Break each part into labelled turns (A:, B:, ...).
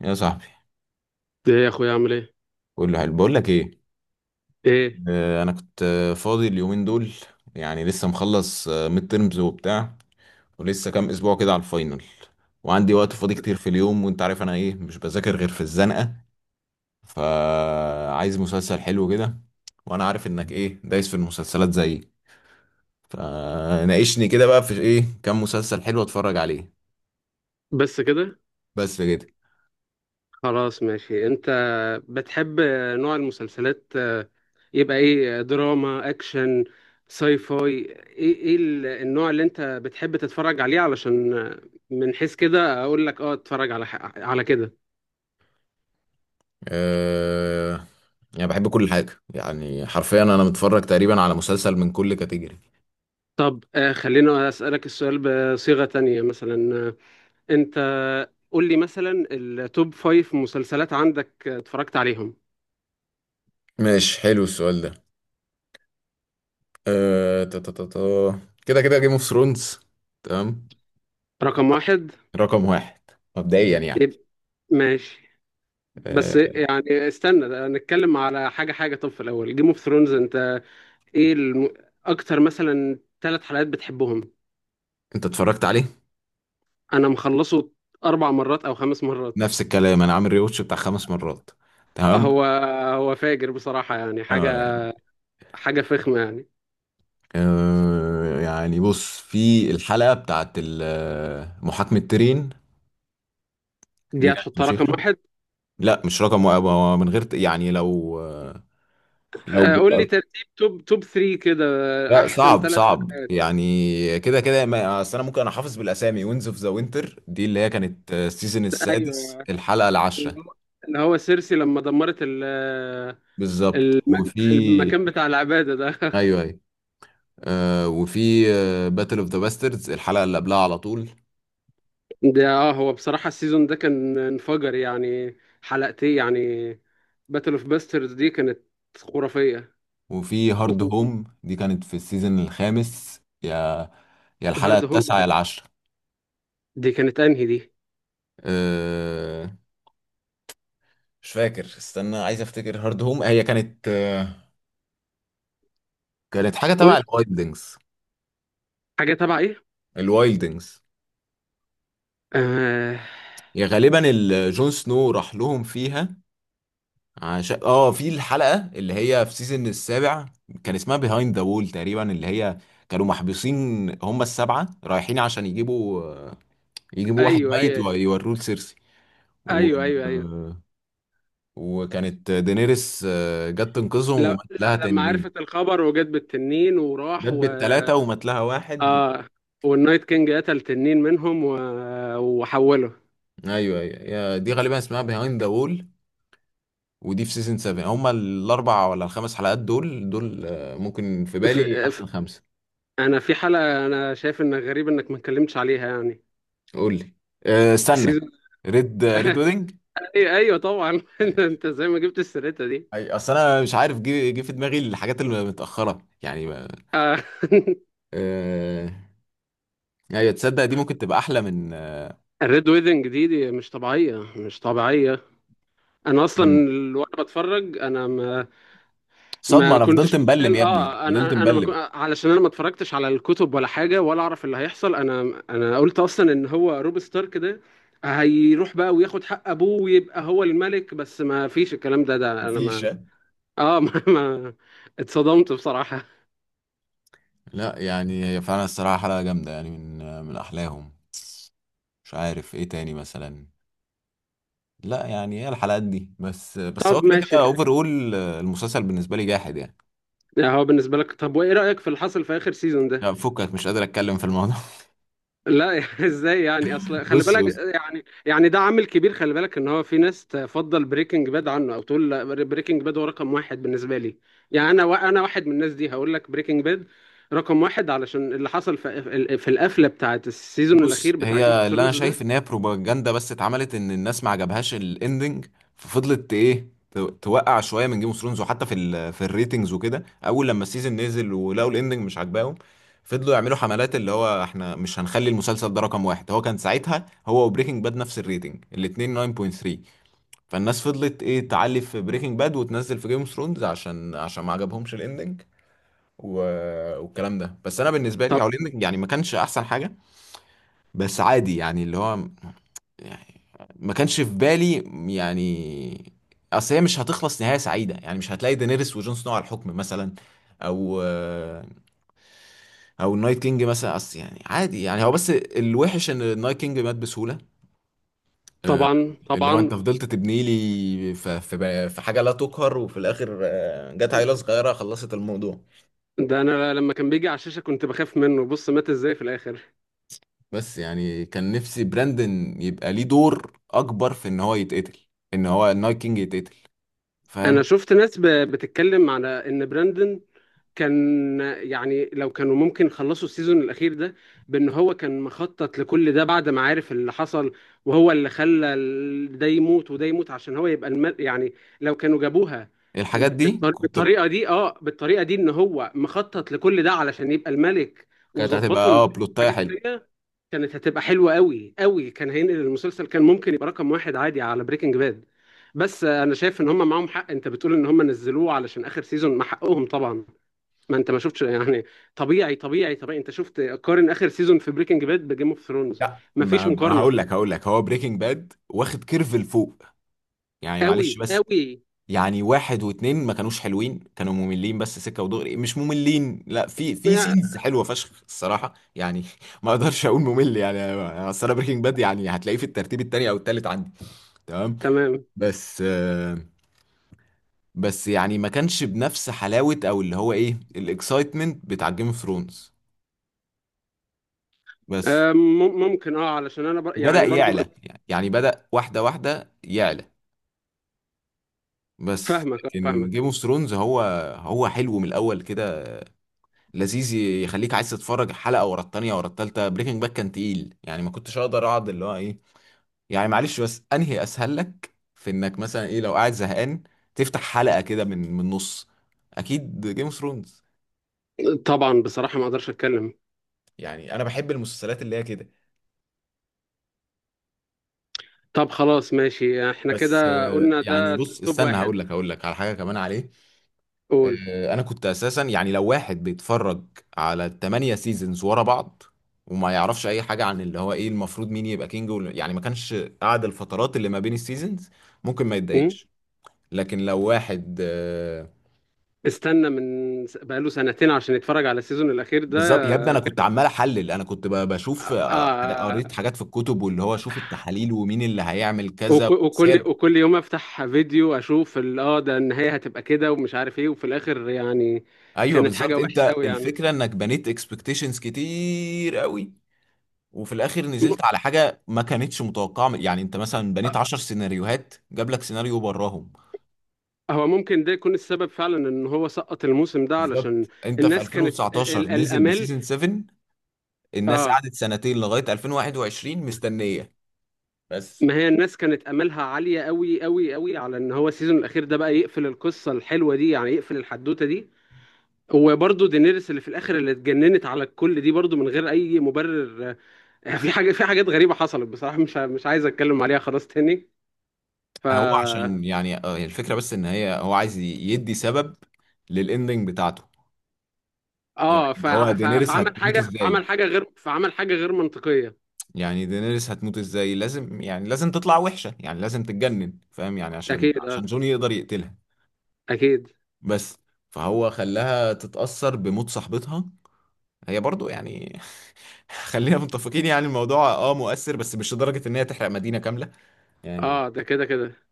A: يا صاحبي،
B: ايه يا اخويا عامل ايه؟
A: قول له حلو. بقول لك ايه.
B: ايه
A: انا كنت فاضي اليومين دول. يعني لسه مخلص ميد ترمز وبتاع، ولسه كام اسبوع كده على الفاينل، وعندي وقت فاضي كتير في اليوم. وانت عارف انا ايه، مش بذاكر غير في الزنقه. فعايز مسلسل حلو كده، وانا عارف انك ايه، دايس في المسلسلات زيي. فناقشني كده بقى في ايه، كام مسلسل حلو اتفرج عليه.
B: بس كده.
A: بس كده.
B: خلاص ماشي. انت بتحب نوع المسلسلات، يبقى ايه؟ دراما، اكشن، ساي فاي؟ ايه النوع اللي انت بتحب تتفرج عليه، علشان من حيث كده اقول لك اتفرج على على كده.
A: أه... يعني بحب كل حاجه. يعني حرفيا انا متفرج تقريبا على مسلسل من كل كاتيجوري.
B: طب خلينا اسالك السؤال بصيغة تانية، مثلا، انت قول لي مثلا التوب فايف مسلسلات عندك اتفرجت عليهم.
A: ماشي، حلو السؤال ده. أه... تا- تا- تا- تا. كده كده جيم اوف ثرونز. تمام،
B: رقم واحد؟
A: رقم واحد، مبدئيا يعني.
B: يبقى ماشي. بس
A: أه...
B: يعني استنى، نتكلم على حاجة حاجة. طب في الأول، جيم اوف ثرونز، أنت إيه أكتر مثلا ثلاث حلقات بتحبهم؟
A: انت اتفرجت عليه؟
B: أنا مخلصه أربع مرات أو خمس مرات.
A: نفس الكلام، انا عامل ريوتش بتاع 5 مرات. تمام.
B: هو هو فاجر بصراحة، يعني
A: اه
B: حاجة،
A: يعني
B: حاجة فخمة يعني.
A: يعني بص، في الحلقة بتاعت محاكمة تيرين، دي
B: دي
A: كانت
B: هتحطها رقم
A: فشيخة.
B: واحد؟
A: لا، مش رقم واحد. هو من غير يعني، لو لو...
B: قول لي ترتيب توب توب 3 كده،
A: لا،
B: أحسن
A: صعب
B: ثلاث.
A: صعب يعني. كده كده اصل انا ممكن، انا حافظ بالاسامي. وينز اوف ذا وينتر، دي اللي هي كانت السيزون
B: أيوه،
A: السادس، الحلقه
B: اللي
A: العاشره.
B: هو، اللي هو سيرسي لما دمرت
A: بالظبط.
B: الم...
A: وفي
B: المكان بتاع العبادة ده.
A: ايوه ايوه. وفي باتل اوف ذا باستردز، الحلقه اللي قبلها على طول.
B: ده هو بصراحة السيزون ده كان انفجر يعني. حلقتين يعني، باتل اوف باسترز دي كانت خرافية.
A: وفي هارد هوم، دي كانت في السيزون الخامس، يا الحلقه
B: وهارد هوم
A: التاسعه يا العاشره.
B: دي كانت انهي دي؟
A: آه مش فاكر، استنى عايز افتكر. هارد هوم هي كانت آه، كانت حاجه
B: قول
A: تبع
B: لي،
A: الوايلدنجز.
B: حاجة تبع ايه؟
A: الوايلدنجز.
B: آه.
A: يا غالبا جون سنو راح لهم فيها. عشان في الحلقة اللي هي في سيزون السابع، كان اسمها بيهايند ذا وول تقريبا. اللي هي كانوا محبوسين، هم السبعة رايحين عشان يجيبوا، يجيبوا واحد
B: ايوه
A: ميت
B: ايوه
A: ويوروه لسيرسي. و...
B: ايوه ايوه ايوه
A: وكانت دينيريس جت تنقذهم
B: لا
A: ومات لها
B: لا، لما
A: تنين.
B: عرفت الخبر وجت بالتنين وراح
A: جت
B: و...
A: بالتلاتة ومات لها واحد.
B: اه، والنايت كينج قتل تنين منهم و... وحوله.
A: ايوه ايوه. دي غالبا اسمها بيهايند ذا وول. ودي في سيزون 7، هما الاربع ولا الخمس حلقات دول دول، ممكن في
B: ف...
A: بالي
B: ف...
A: احسن خمسه.
B: انا في حلقة، انا شايف انك غريب انك ما اتكلمتش عليها يعني.
A: قول لي. استنى.
B: سيزون.
A: ريد ويدنج.
B: ايوه ايوه طبعا. أنت زي ما جبت السيرتة دي
A: اي، اصل انا مش عارف، جه في دماغي الحاجات اللي متاخره يعني ما...
B: آه،
A: أه... ايوه، تصدق دي ممكن تبقى احلى من...
B: الريد ويدنج دي، دي مش طبيعية، مش طبيعية. أنا أصلا
A: مم.
B: وأنا بتفرج أنا ما...
A: صدمه،
B: ما
A: انا فضلت
B: كنتش
A: مبلم
B: متخيل.
A: يا ابني،
B: أه، أنا
A: فضلت
B: أنا أنا ما كنت،
A: مبلم.
B: علشان أنا ما اتفرجتش على الكتب ولا حاجة ولا أعرف اللي هيحصل. أنا قلت أصلا إن هو روب ستارك ده هيروح بقى وياخد حق أبوه ويبقى هو الملك. بس ما فيش الكلام ده، ده أنا
A: مفيش
B: ما...
A: ها؟
B: أه. ما اتصدمت بصراحة.
A: لا يعني هي فعلا الصراحه حلقه جامده يعني، من احلاهم. مش عارف ايه تاني مثلا. لا يعني هي الحلقات دي بس. بس هو
B: طب
A: كده كده
B: ماشي،
A: اوفر اول، المسلسل بالنسبه لي جاحد يعني.
B: ده هو بالنسبة لك. طب وإيه رأيك في اللي حصل في آخر سيزون ده؟
A: لا، فكك، مش قادر اتكلم في الموضوع.
B: لا. ازاي يعني؟ اصل خلي
A: بص
B: بالك،
A: بص.
B: يعني ده عامل كبير. خلي بالك ان هو في ناس تفضل بريكنج باد عنه، او تقول لا، بريكنج باد هو رقم واحد بالنسبه لي. يعني انا انا واحد من الناس دي. هقول لك، بريكنج باد رقم واحد علشان اللي حصل في القفله بتاعت السيزون
A: بص،
B: الاخير بتاع جيم اوف
A: هي اللي انا
B: ثرونز ده.
A: شايف ان هي بروباجندا بس اتعملت، ان الناس ما عجبهاش الاندنج. ففضلت ايه، توقع شويه من جيم اوف ثرونز. وحتى في في الريتنجز وكده، اول لما السيزون نزل ولقوا الاندنج مش عاجباهم، فضلوا يعملوا حملات، اللي هو احنا مش هنخلي المسلسل ده رقم واحد. هو كان ساعتها هو وبريكنج باد نفس الريتنج، الاتنين 9.3. فالناس فضلت ايه، تعلي في بريكنج باد وتنزل في جيم اوف ثرونز، عشان ما عجبهمش الاندنج. و... والكلام ده. بس انا بالنسبه لي او
B: طب.
A: الاندنج يعني ما كانش احسن حاجه. بس عادي يعني، اللي هو ما كانش في بالي يعني. اصل هي مش هتخلص نهاية سعيدة يعني، مش هتلاقي دينيريس وجون سنو على الحكم مثلا، او النايت كينج مثلا. اصل يعني عادي يعني، هو بس الوحش ان النايت كينج مات بسهولة. آه،
B: طبعا،
A: اللي هو
B: طبعا.
A: انت فضلت تبني لي في حاجة لا تقهر، وفي الاخر جت عيلة صغيرة خلصت الموضوع.
B: ده انا لما كان بيجي على الشاشه كنت بخاف منه، بص مات ازاي في الاخر.
A: بس يعني كان نفسي براندن يبقى ليه دور اكبر في ان هو يتقتل، ان هو النايت كينج يتقتل،
B: انا
A: فاهم.
B: شفت ناس بتتكلم على ان براندن كان، يعني لو كانوا ممكن يخلصوا السيزون الاخير ده بان هو كان مخطط لكل ده بعد ما عارف اللي حصل، وهو اللي خلى ده يموت وده يموت عشان هو يبقى المل يعني. لو كانوا جابوها
A: الحاجات دي كنت ب...
B: بالطريقه دي، اه، بالطريقه دي، ان هو مخطط لكل ده علشان يبقى الملك،
A: كانت هتبقى
B: وظبطوا
A: اه بلوتايه
B: الحاجات
A: حلو.
B: التانيه، كانت هتبقى حلوه قوي قوي. كان هينقل المسلسل، كان ممكن يبقى رقم واحد عادي على بريكنج باد. بس انا شايف ان هم معاهم حق، انت بتقول ان هم نزلوه علشان اخر سيزون، ما حقهم طبعا. ما انت ما شفتش يعني، طبيعي، طبيعي، طبيعي، انت شفت، قارن اخر سيزون في بريكنج باد بجيم اوف ثرونز.
A: لا
B: ما فيش
A: ما
B: مقارنه،
A: هقول لك، هقول لك هو بريكنج باد واخد كيرف لفوق. يعني
B: قوي
A: معلش بس،
B: قوي.
A: يعني واحد واتنين ما كانوش حلوين، كانوا مملين. بس سكة ودغري مش مملين. لا، في
B: يا-
A: سينز حلوة فشخ الصراحة يعني. ما اقدرش اقول ممل يعني. اصل انا بريكنج باد يعني هتلاقيه في الترتيب التاني او التالت عندي. تمام.
B: تمام.
A: بس بس يعني ما كانش بنفس حلاوة، او اللي هو ايه، الاكسايتمنت بتاع جيم اوف ثرونز بس.
B: ممكن، اه، علشان انا
A: وبدأ
B: يعني برضو
A: يعلى، يعني بدأ واحدة واحدة يعلى. بس
B: فاهمك،
A: لكن جيم
B: فاهمك.
A: اوف ثرونز، هو حلو من الاول كده، لذيذ يخليك عايز تتفرج حلقه ورا التانيه ورا التالته. بريكنج باك كان تقيل يعني، ما كنتش اقدر اقعد اللي هو ايه يعني. معلش بس، انهي اسهل لك في انك مثلا ايه، لو قاعد زهقان تفتح حلقه كده من النص؟ اكيد جيم اوف ثرونز.
B: طبعا بصراحه ما اقدرش اتكلم.
A: يعني انا بحب المسلسلات اللي هي كده.
B: طب خلاص ماشي، احنا
A: بس
B: كده قلنا
A: يعني
B: ده
A: بص
B: توب
A: استنى، هقول
B: واحد.
A: لك، هقول لك على حاجه كمان عليه.
B: قول.
A: انا كنت اساسا يعني، لو واحد بيتفرج على ال8 سيزونز ورا بعض وما يعرفش اي حاجه عن اللي هو ايه، المفروض مين يبقى كينج يعني ما كانش قاعد الفترات اللي ما بين السيزونز، ممكن ما
B: م؟
A: يتضايقش. لكن لو واحد
B: استنى من بقاله سنتين عشان يتفرج على السيزون الاخير ده.
A: بالظبط يا ابني. انا كنت عمال احلل، انا كنت بشوف
B: آه آه.
A: قريت حاجات في الكتب، واللي هو شوف التحاليل ومين اللي هيعمل كذا. بس
B: وكل وكل يوم افتح فيديو، اشوف اه، ده النهاية هتبقى كده ومش عارف ايه، وفي الاخر يعني.
A: ايوه
B: كانت حاجة
A: بالظبط.
B: وحشة
A: انت
B: قوي يعني.
A: الفكره انك بنيت اكسبكتيشنز كتير قوي، وفي الاخر
B: م-
A: نزلت على حاجه ما كانتش متوقعه. يعني انت مثلا بنيت
B: آه،
A: 10 سيناريوهات جاب لك سيناريو براهم.
B: هو ممكن ده يكون السبب فعلا ان هو سقط الموسم ده، علشان
A: بالظبط. انت في
B: الناس كانت
A: 2019 نزل
B: الامال.
A: بسيزون 7، الناس
B: اه،
A: قعدت سنتين لغايه 2021 مستنيه. بس
B: ما هي الناس كانت املها عالية قوي قوي قوي على ان هو السيزون الاخير ده بقى يقفل القصة الحلوة دي، يعني يقفل الحدوتة دي. وبرضه دينيريس اللي في الاخر اللي اتجننت على الكل دي، برضه من غير اي مبرر يعني. في حاجة، في حاجات غريبة حصلت بصراحة. مش مش عايز اتكلم عليها خلاص تاني. ف...
A: هو عشان يعني هي الفكره بس، ان هي هو عايز يدي سبب للاندنج بتاعته. يعني
B: اه،
A: اللي هو دينيريس
B: فعمل
A: هتموت
B: حاجة عمل
A: ازاي.
B: حاجة غير فعمل حاجة غير منطقية.
A: يعني دينيريس هتموت ازاي؟ لازم يعني، لازم تطلع وحشه يعني، لازم تتجنن فاهم يعني، عشان
B: اكيد، اه،
A: عشان جون يقدر يقتلها.
B: اكيد.
A: بس فهو خلاها تتأثر بموت صاحبتها. هي برضو يعني خلينا متفقين، يعني الموضوع اه مؤثر، بس مش لدرجة ان هي تحرق مدينة كاملة يعني.
B: اه، ده كده كده.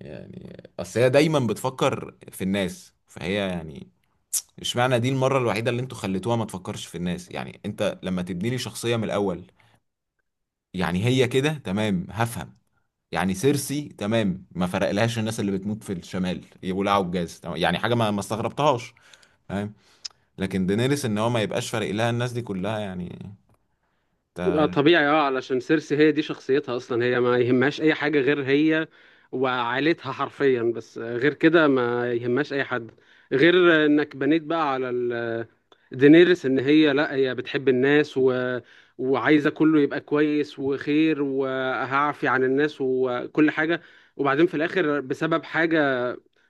A: يعني اصل هي دايما بتفكر في الناس، فهي يعني اشمعنى دي المرة الوحيدة اللي انتوا خليتوها ما تفكرش في الناس. يعني انت لما تبني لي شخصية من الاول. يعني هي كده تمام هفهم. يعني سيرسي تمام، ما فرقلهاش الناس اللي بتموت في الشمال، يولعوا الجاز تمام، يعني حاجة ما استغربتهاش. لكن دينيريس، ان هو ما يبقاش فارق لها الناس دي كلها يعني.
B: اه
A: انت...
B: طبيعي، اه، علشان سيرسي هي دي شخصيتها اصلا، هي ما يهمهاش اي حاجة غير هي وعائلتها حرفيا بس. غير كده ما يهمهاش اي حد. غير انك بنيت بقى على دينيرس ان هي، لا هي بتحب الناس و... وعايزه كله يبقى كويس وخير، وهعفي عن الناس وكل حاجه. وبعدين في الاخر بسبب حاجه،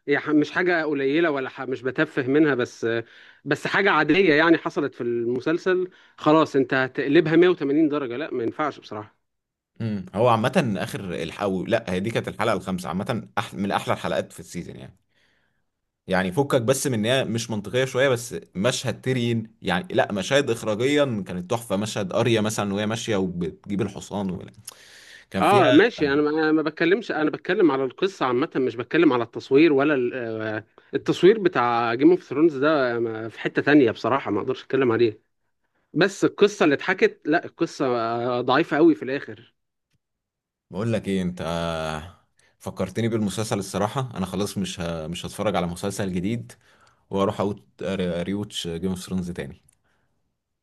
B: هي مش حاجه قليله، ولا مش بتفه منها، بس بس حاجه عاديه يعني حصلت في المسلسل، خلاص انت هتقلبها 180 درجه؟ لا، ما ينفعش بصراحه.
A: مم. هو عامة اخر الحلقة، لا هي دي كانت الحلقة الخامسة، عامة من احلى الحلقات في السيزون يعني. يعني فكك بس من ان هي مش منطقية شوية. بس مشهد تيرين يعني، لا مشاهد اخراجيا كانت تحفة. مشهد اريا مثلا وهي ماشية وبتجيب الحصان و... كان فيها.
B: اه ماشي، انا ما بتكلمش، انا بتكلم على القصه عامه، مش بتكلم على التصوير ولا التصوير بتاع جيم اوف ثرونز ده في حتة تانية بصراحة ما اقدرش اتكلم عليه. بس القصة اللي اتحكت، لا القصة ضعيفة قوي في الآخر.
A: بقول لك ايه انت، فكرتني بالمسلسل الصراحة. انا خلاص مش مش هتفرج على مسلسل جديد، واروح اقول ريوتش جيم اوف ثرونز تاني.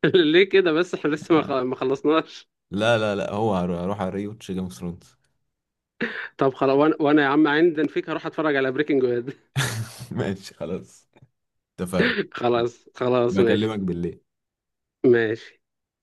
B: ليه كده بس، احنا لسه
A: آه.
B: ما خلصناش.
A: لا لا لا، هو هروح اريوتش جيم اوف ثرونز.
B: طب خلاص، وأنا يا عم عندي فيك، هروح اتفرج على بريكنج باد.
A: ماشي خلاص، اتفقنا.
B: خلاص، ماشي،
A: بكلمك بالليل.
B: ماشي.